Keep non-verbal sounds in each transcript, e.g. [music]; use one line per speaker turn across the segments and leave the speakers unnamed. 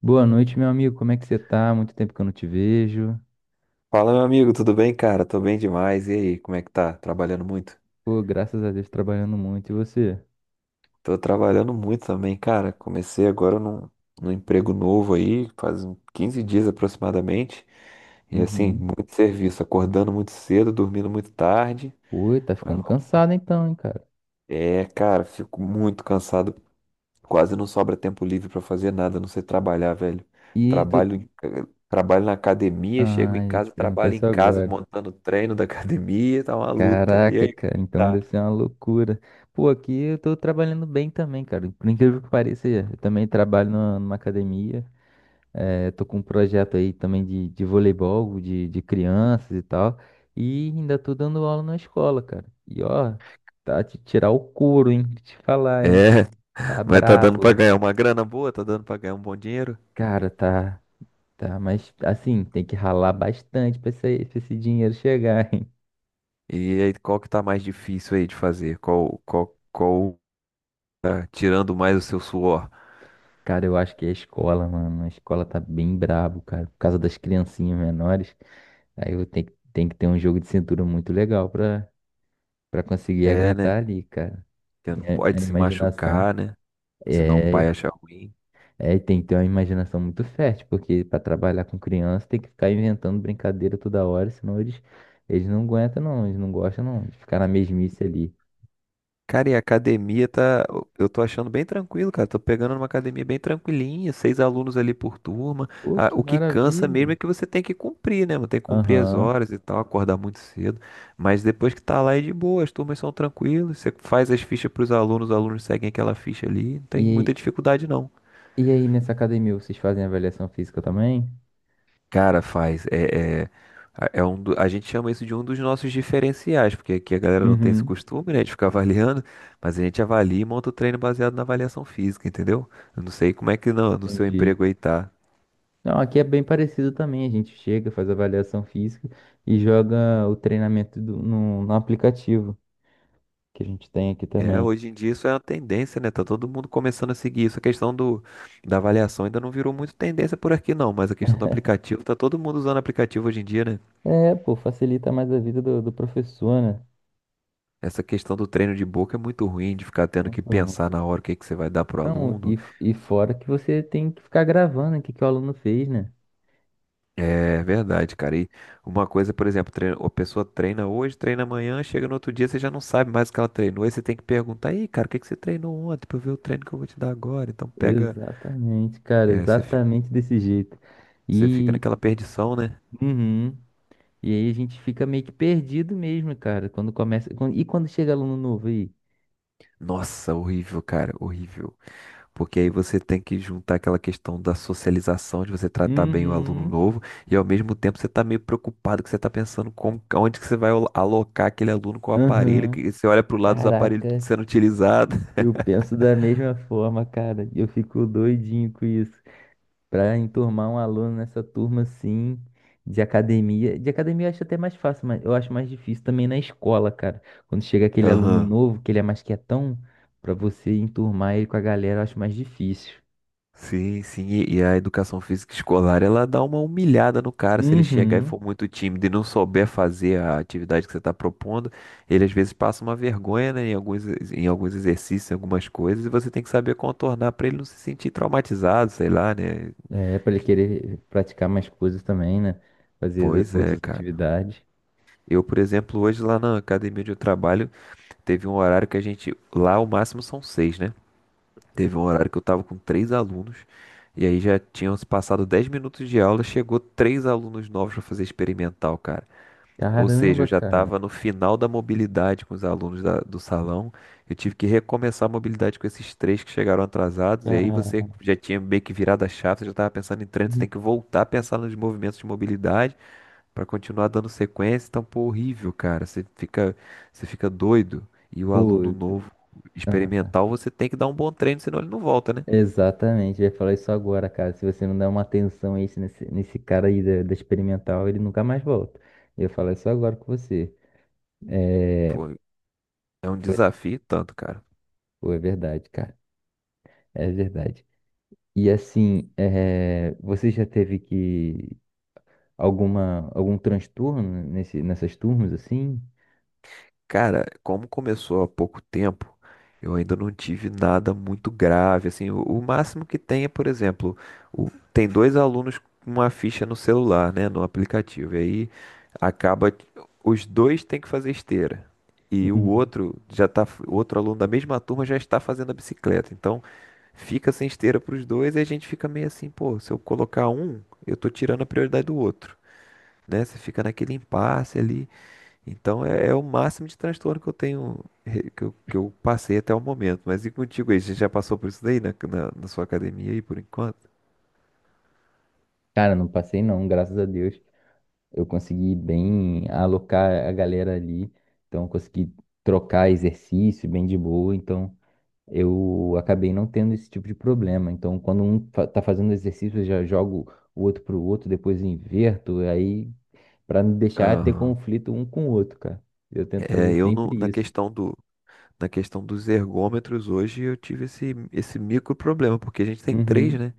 Boa noite, meu amigo. Como é que você tá? Muito tempo que eu não te vejo.
Fala, meu amigo, tudo bem, cara? Tô bem demais. E aí, como é que tá? Trabalhando muito?
Pô, graças a Deus, trabalhando muito. E você?
Tô trabalhando muito também, cara. Comecei agora num emprego novo aí, faz uns 15 dias aproximadamente. E assim,
Uhum.
muito serviço, acordando muito cedo, dormindo muito tarde.
Pô, tá
Mas
ficando
vamos-
cansado então, hein, cara?
é, cara, fico muito cansado. Quase não sobra tempo livre pra fazer nada, a não ser trabalhar, velho.
E
Trabalho,
tu...
em- trabalho na academia, chego em
Ah, eu ia te
casa,
perguntar
trabalho em
isso
casa,
agora.
montando o treino da [laughs] academia, tá uma luta. E
Caraca,
aí, como
cara,
é que
então
tá?
deve ser uma loucura. Pô, aqui eu tô trabalhando bem também, cara. Por incrível que pareça, eu também trabalho numa academia. É, tô com um projeto aí também de voleibol, de crianças e tal. E ainda tô dando aula na escola, cara. E ó, tá te tirar o couro, hein? Te falar, hein?
É,
Tá
mas tá dando pra
brabo.
ganhar uma grana boa, tá dando pra ganhar um bom dinheiro.
Cara, tá, mas assim, tem que ralar bastante pra esse dinheiro chegar, hein?
E aí, qual que tá mais difícil aí de fazer? Tá tirando mais o seu suor?
Cara, eu acho que é a escola, mano. A escola tá bem brabo, cara, por causa das criancinhas menores. Aí eu tenho que ter um jogo de cintura muito legal pra conseguir
É, né?
aguentar ali, cara.
Porque não
A
pode se
imaginação.
machucar, né? Senão o pai
É,
acha ruim.
é, e tem que ter uma imaginação muito fértil, porque para trabalhar com criança tem que ficar inventando brincadeira toda hora, senão eles não aguentam não, eles não gostam não, de ficar na mesmice ali.
Cara, e a academia tá. Eu tô achando bem tranquilo, cara. Tô pegando uma academia bem tranquilinha, seis alunos ali por turma.
Pô,
Ah,
que
o que cansa mesmo
maravilha.
é que você tem que cumprir, né, mano? Tem que cumprir as
Aham.
horas e tal, acordar muito cedo. Mas depois que tá lá é de boa, as turmas são tranquilas. Você faz as fichas pros alunos, os alunos seguem aquela ficha ali. Não tem muita
E,
dificuldade, não.
e aí, nessa academia, vocês fazem avaliação física também?
Cara, faz. A gente chama isso de um dos nossos diferenciais, porque aqui a galera não tem esse
Uhum.
costume, né, de ficar [laughs] avaliando, mas a gente avalia e monta o treino baseado na avaliação física, entendeu? Eu não sei como é que no seu
Entendi.
emprego aí tá.
Não, aqui é bem parecido também. A gente chega, faz avaliação física e joga o treinamento no aplicativo que a gente tem aqui
É,
também.
hoje em dia isso é uma tendência, né? Tá todo mundo começando a seguir isso. Da avaliação ainda não virou muito tendência por aqui, não, mas a questão do aplicativo, tá todo mundo usando aplicativo hoje em dia, né?
É, pô, facilita mais a vida do professor, né?
Essa questão do treino de boca é muito ruim, de ficar tendo que pensar
Muito
na hora o que que você vai dar pro
Não,
aluno.
e fora que você tem que ficar gravando o que, que o aluno fez, né?
É verdade, cara. E uma coisa, por exemplo, a pessoa treina hoje, treina amanhã, chega no outro dia, você já não sabe mais o que ela treinou. Aí você tem que perguntar, aí, cara, o que que você treinou ontem pra eu ver o treino que eu vou te dar agora? Então pega.
Exatamente, cara,
é, você, fi-
exatamente desse jeito.
você fica
E,
naquela perdição, né?
uhum, e aí a gente fica meio que perdido mesmo, cara, quando começa. E quando chega aluno novo aí?
Nossa, horrível, cara, horrível. Porque aí você tem que juntar aquela questão da socialização, de você tratar bem o aluno
Uhum,
novo, e ao mesmo tempo você tá meio preocupado, que você tá pensando como, onde que você vai alocar aquele aluno com o aparelho,
aham.
que você olha pro lado dos aparelhos tudo
Caraca,
sendo utilizado.
eu penso da mesma forma, cara. Eu fico doidinho com isso. Para enturmar um aluno nessa turma assim de academia. De academia eu acho até mais fácil, mas eu acho mais difícil também na escola, cara. Quando chega
[laughs]
aquele aluno
Aham.
novo, que ele é mais quietão, para você enturmar ele com a galera, eu acho mais difícil.
Sim, sim, e a educação física escolar, ela dá uma humilhada no cara se ele chegar e
Uhum.
for muito tímido e não souber fazer a atividade que você está propondo, ele às vezes passa uma vergonha, né, em alguns, em alguns exercícios, em algumas coisas, e você tem que saber contornar para ele não se sentir traumatizado, sei lá, né?
É, para ele querer praticar mais coisas também, né?
Pois é,
Outras
cara.
atividades.
Eu, por exemplo, hoje lá na academia onde eu trabalho, teve um horário que a gente, lá o máximo são seis, né? Teve um horário que eu tava com três alunos, e aí já tinham se passado 10 minutos de aula, chegou três alunos novos para fazer experimental, cara. Ou seja, eu
Caramba,
já
cara.
estava no final da mobilidade com os alunos do salão. Eu tive que recomeçar a mobilidade com esses três que chegaram atrasados. E aí você
Ah,
já tinha meio que virado a chave, você já estava pensando em trânsito, tem que voltar a pensar nos movimentos de mobilidade. Pra continuar dando sequência, tá um horrível, cara. Você fica doido. E o aluno
Pô,
novo,
ah.
experimental, você tem que dar um bom treino, senão ele não volta, né?
Exatamente, eu ia falar isso agora, cara. Se você não der uma atenção a isso nesse cara aí da experimental, ele nunca mais volta. Eu ia falar isso agora com você. É,
Pô, é um desafio tanto, cara.
pô, é verdade, cara. É verdade. E assim, é, você já teve que alguma algum transtorno nesse, nessas turmas assim?
Cara, como começou há pouco tempo, eu ainda não tive nada muito grave. Assim, o máximo que tem é, por exemplo, tem dois alunos com uma ficha no celular, né, no aplicativo. E aí acaba, que os dois têm que fazer esteira. E o
Uhum.
outro já tá, o outro aluno da mesma turma já está fazendo a bicicleta. Então, fica sem esteira para os dois e a gente fica meio assim, pô, se eu colocar um, eu tô tirando a prioridade do outro, né? Você fica naquele impasse ali. Então é, é o máximo de transtorno que eu tenho, que eu passei até o momento. Mas e contigo aí? Você já passou por isso daí na sua academia aí por enquanto?
Cara, não passei não, graças a Deus. Eu consegui bem alocar a galera ali, então eu consegui trocar exercício bem de boa, então eu acabei não tendo esse tipo de problema. Então, quando um tá fazendo exercício, eu já jogo o outro pro outro, depois inverto, aí para não deixar ter
Aham.
conflito um com o outro, cara. Eu tento fazer
É, eu
sempre isso.
na questão dos ergômetros hoje eu tive esse micro problema, porque a gente tem três,
Uhum.
né?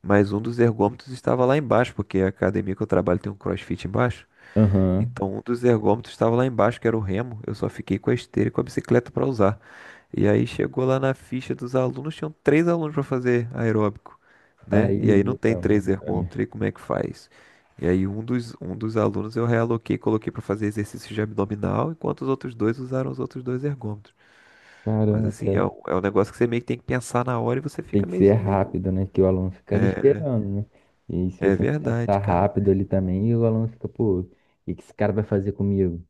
Mas um dos ergômetros estava lá embaixo, porque a academia que eu trabalho tem um CrossFit embaixo.
Aham.
Então, um dos ergômetros estava lá embaixo, que era o remo. Eu só fiquei com a esteira e com a bicicleta para usar. E aí chegou lá na ficha dos alunos, tinham três alunos para fazer aeróbico, né?
Aí
E aí não tem
limita
três
muito pra mim.
ergômetros, e como é que faz? E aí um dos alunos eu realoquei, coloquei para fazer exercício de abdominal, enquanto os outros dois usaram os outros dois ergômetros. Mas
Caramba,
assim,
cara.
é, é um negócio que você meio que tem que pensar na hora e você
Tem
fica
que
meio,
ser
meio...
rápido, né? Que o aluno fica ali
É
esperando, né? E se
é
você não pensar
verdade, cara.
rápido ali também, o aluno fica, pô, o que que esse cara vai fazer comigo?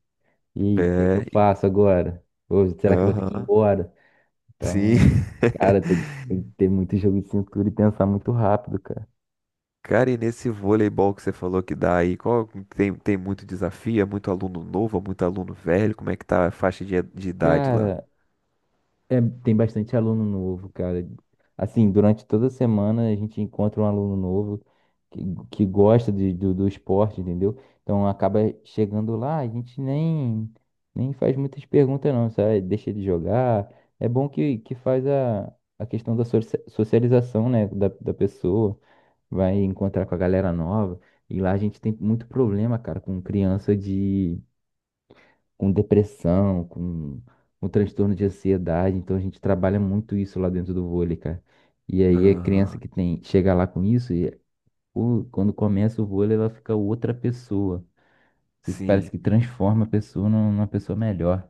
E o que que eu
É,
faço agora? Ou será que eu vou ter que ir
aham,
embora?
sim.
Então, cara, tem
[laughs]
que ter muito jogo de cintura e pensar muito rápido, cara.
Cara, e nesse voleibol que você falou que dá aí, qual, tem, tem muito desafio? É muito aluno novo, é muito aluno velho? Como é que tá a faixa de idade lá?
Cara, é, tem bastante aluno novo, cara. Assim, durante toda a semana a gente encontra um aluno novo que, que gosta de, do esporte, entendeu? Então acaba chegando lá, a gente nem faz muitas perguntas não, sabe? Deixa ele jogar. É bom que faz a questão da socialização, né, da pessoa. Vai encontrar com a galera nova. E lá a gente tem muito problema, cara, com criança de com depressão, com transtorno de ansiedade. Então a gente trabalha muito isso lá dentro do vôlei, cara. E aí é criança
Aham,
que tem chega lá com isso e quando começa o vôlei ela fica outra pessoa. Parece
sim.
que transforma a pessoa numa pessoa melhor.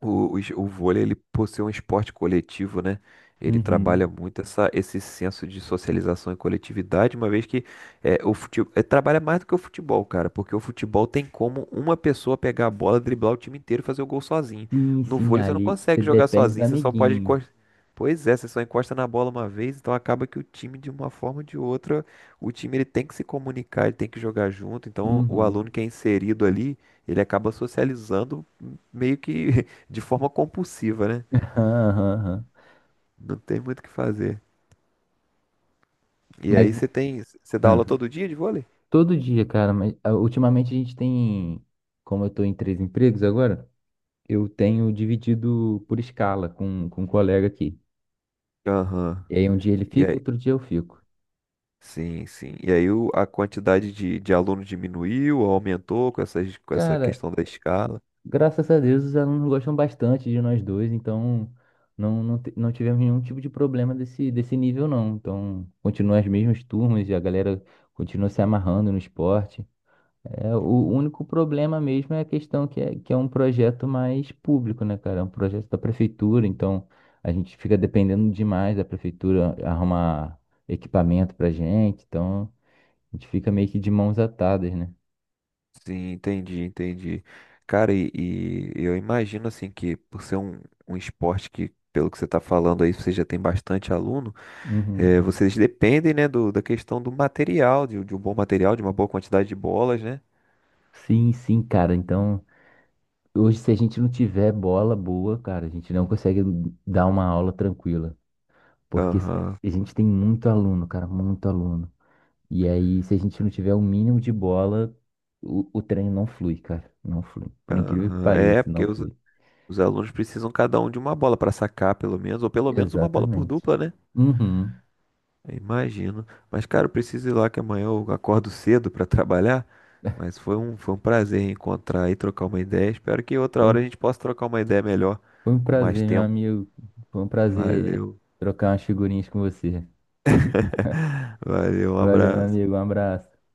O vôlei, ele, por ser um esporte coletivo, né? Ele trabalha
Uhum.
muito essa, esse senso de socialização e coletividade, uma vez que é, o futebol, trabalha mais do que o futebol, cara, porque o futebol tem como uma pessoa pegar a bola, driblar o time inteiro e fazer o gol sozinho.
Sim,
No
sim,
vôlei, você não
ali você
consegue jogar
depende do
sozinho, você só pode
amiguinho.
encostar. Pois é, você só encosta na bola uma vez, então acaba que o time, de uma forma ou de outra, o time ele tem que se comunicar, ele tem que jogar junto. Então, o
Uhum.
aluno que é inserido ali, ele acaba socializando meio que de forma compulsiva, né?
[laughs] aham, aham.
Não tem muito o que fazer. E
Mas.
aí você tem, você dá
Ah.
aula todo dia de vôlei?
Todo dia, cara, mas ah, ultimamente a gente tem, como eu tô em três empregos agora, eu tenho dividido por escala com um colega aqui.
Aham.
E aí um dia ele
E
fica,
aí,
outro dia eu fico.
sim, sim. E aí a quantidade de alunos diminuiu ou aumentou com essas, com essa
Cara,
questão da escala?
graças a Deus os alunos gostam bastante de nós dois, então não tivemos nenhum tipo de problema desse nível não. Então, continuam as mesmas turmas e a galera continua se amarrando no esporte. É, o único problema mesmo é a questão que é um projeto mais público, né, cara? É um projeto da prefeitura, então a gente fica dependendo demais da prefeitura arrumar equipamento pra gente, então a gente fica meio que de mãos atadas, né?
Sim, entendi, entendi. Cara, e, e eu imagino assim que por ser um esporte que, pelo que você está falando aí, você já tem bastante aluno.
Uhum.
É, vocês dependem, né, da questão do material, de um bom material, de uma boa quantidade de bolas, né?
Sim, sim, cara. Então, hoje, se a gente não tiver bola boa, cara, a gente não consegue dar uma aula tranquila. Porque
Aham,
a gente tem muito aluno, cara, muito aluno. E aí, se a gente não tiver o mínimo de bola, o treino não flui, cara. Não flui. Por incrível que
aham. É,
pareça,
porque
não flui.
os alunos precisam cada um de uma bola para sacar, pelo menos, ou pelo menos uma bola por
Exatamente.
dupla, né?
Uhum.
Eu Imagino. Mas, cara, eu preciso ir lá que amanhã eu acordo cedo para trabalhar. Mas foi foi um prazer encontrar e trocar uma ideia. Espero que outra
Foi,
hora a
um-
gente possa trocar uma ideia melhor,
foi um
com mais
prazer, meu
tempo.
amigo. Foi um prazer
Valeu,
trocar umas figurinhas com você.
[laughs] valeu, um
Valeu, meu amigo. Um
abraço.
abraço.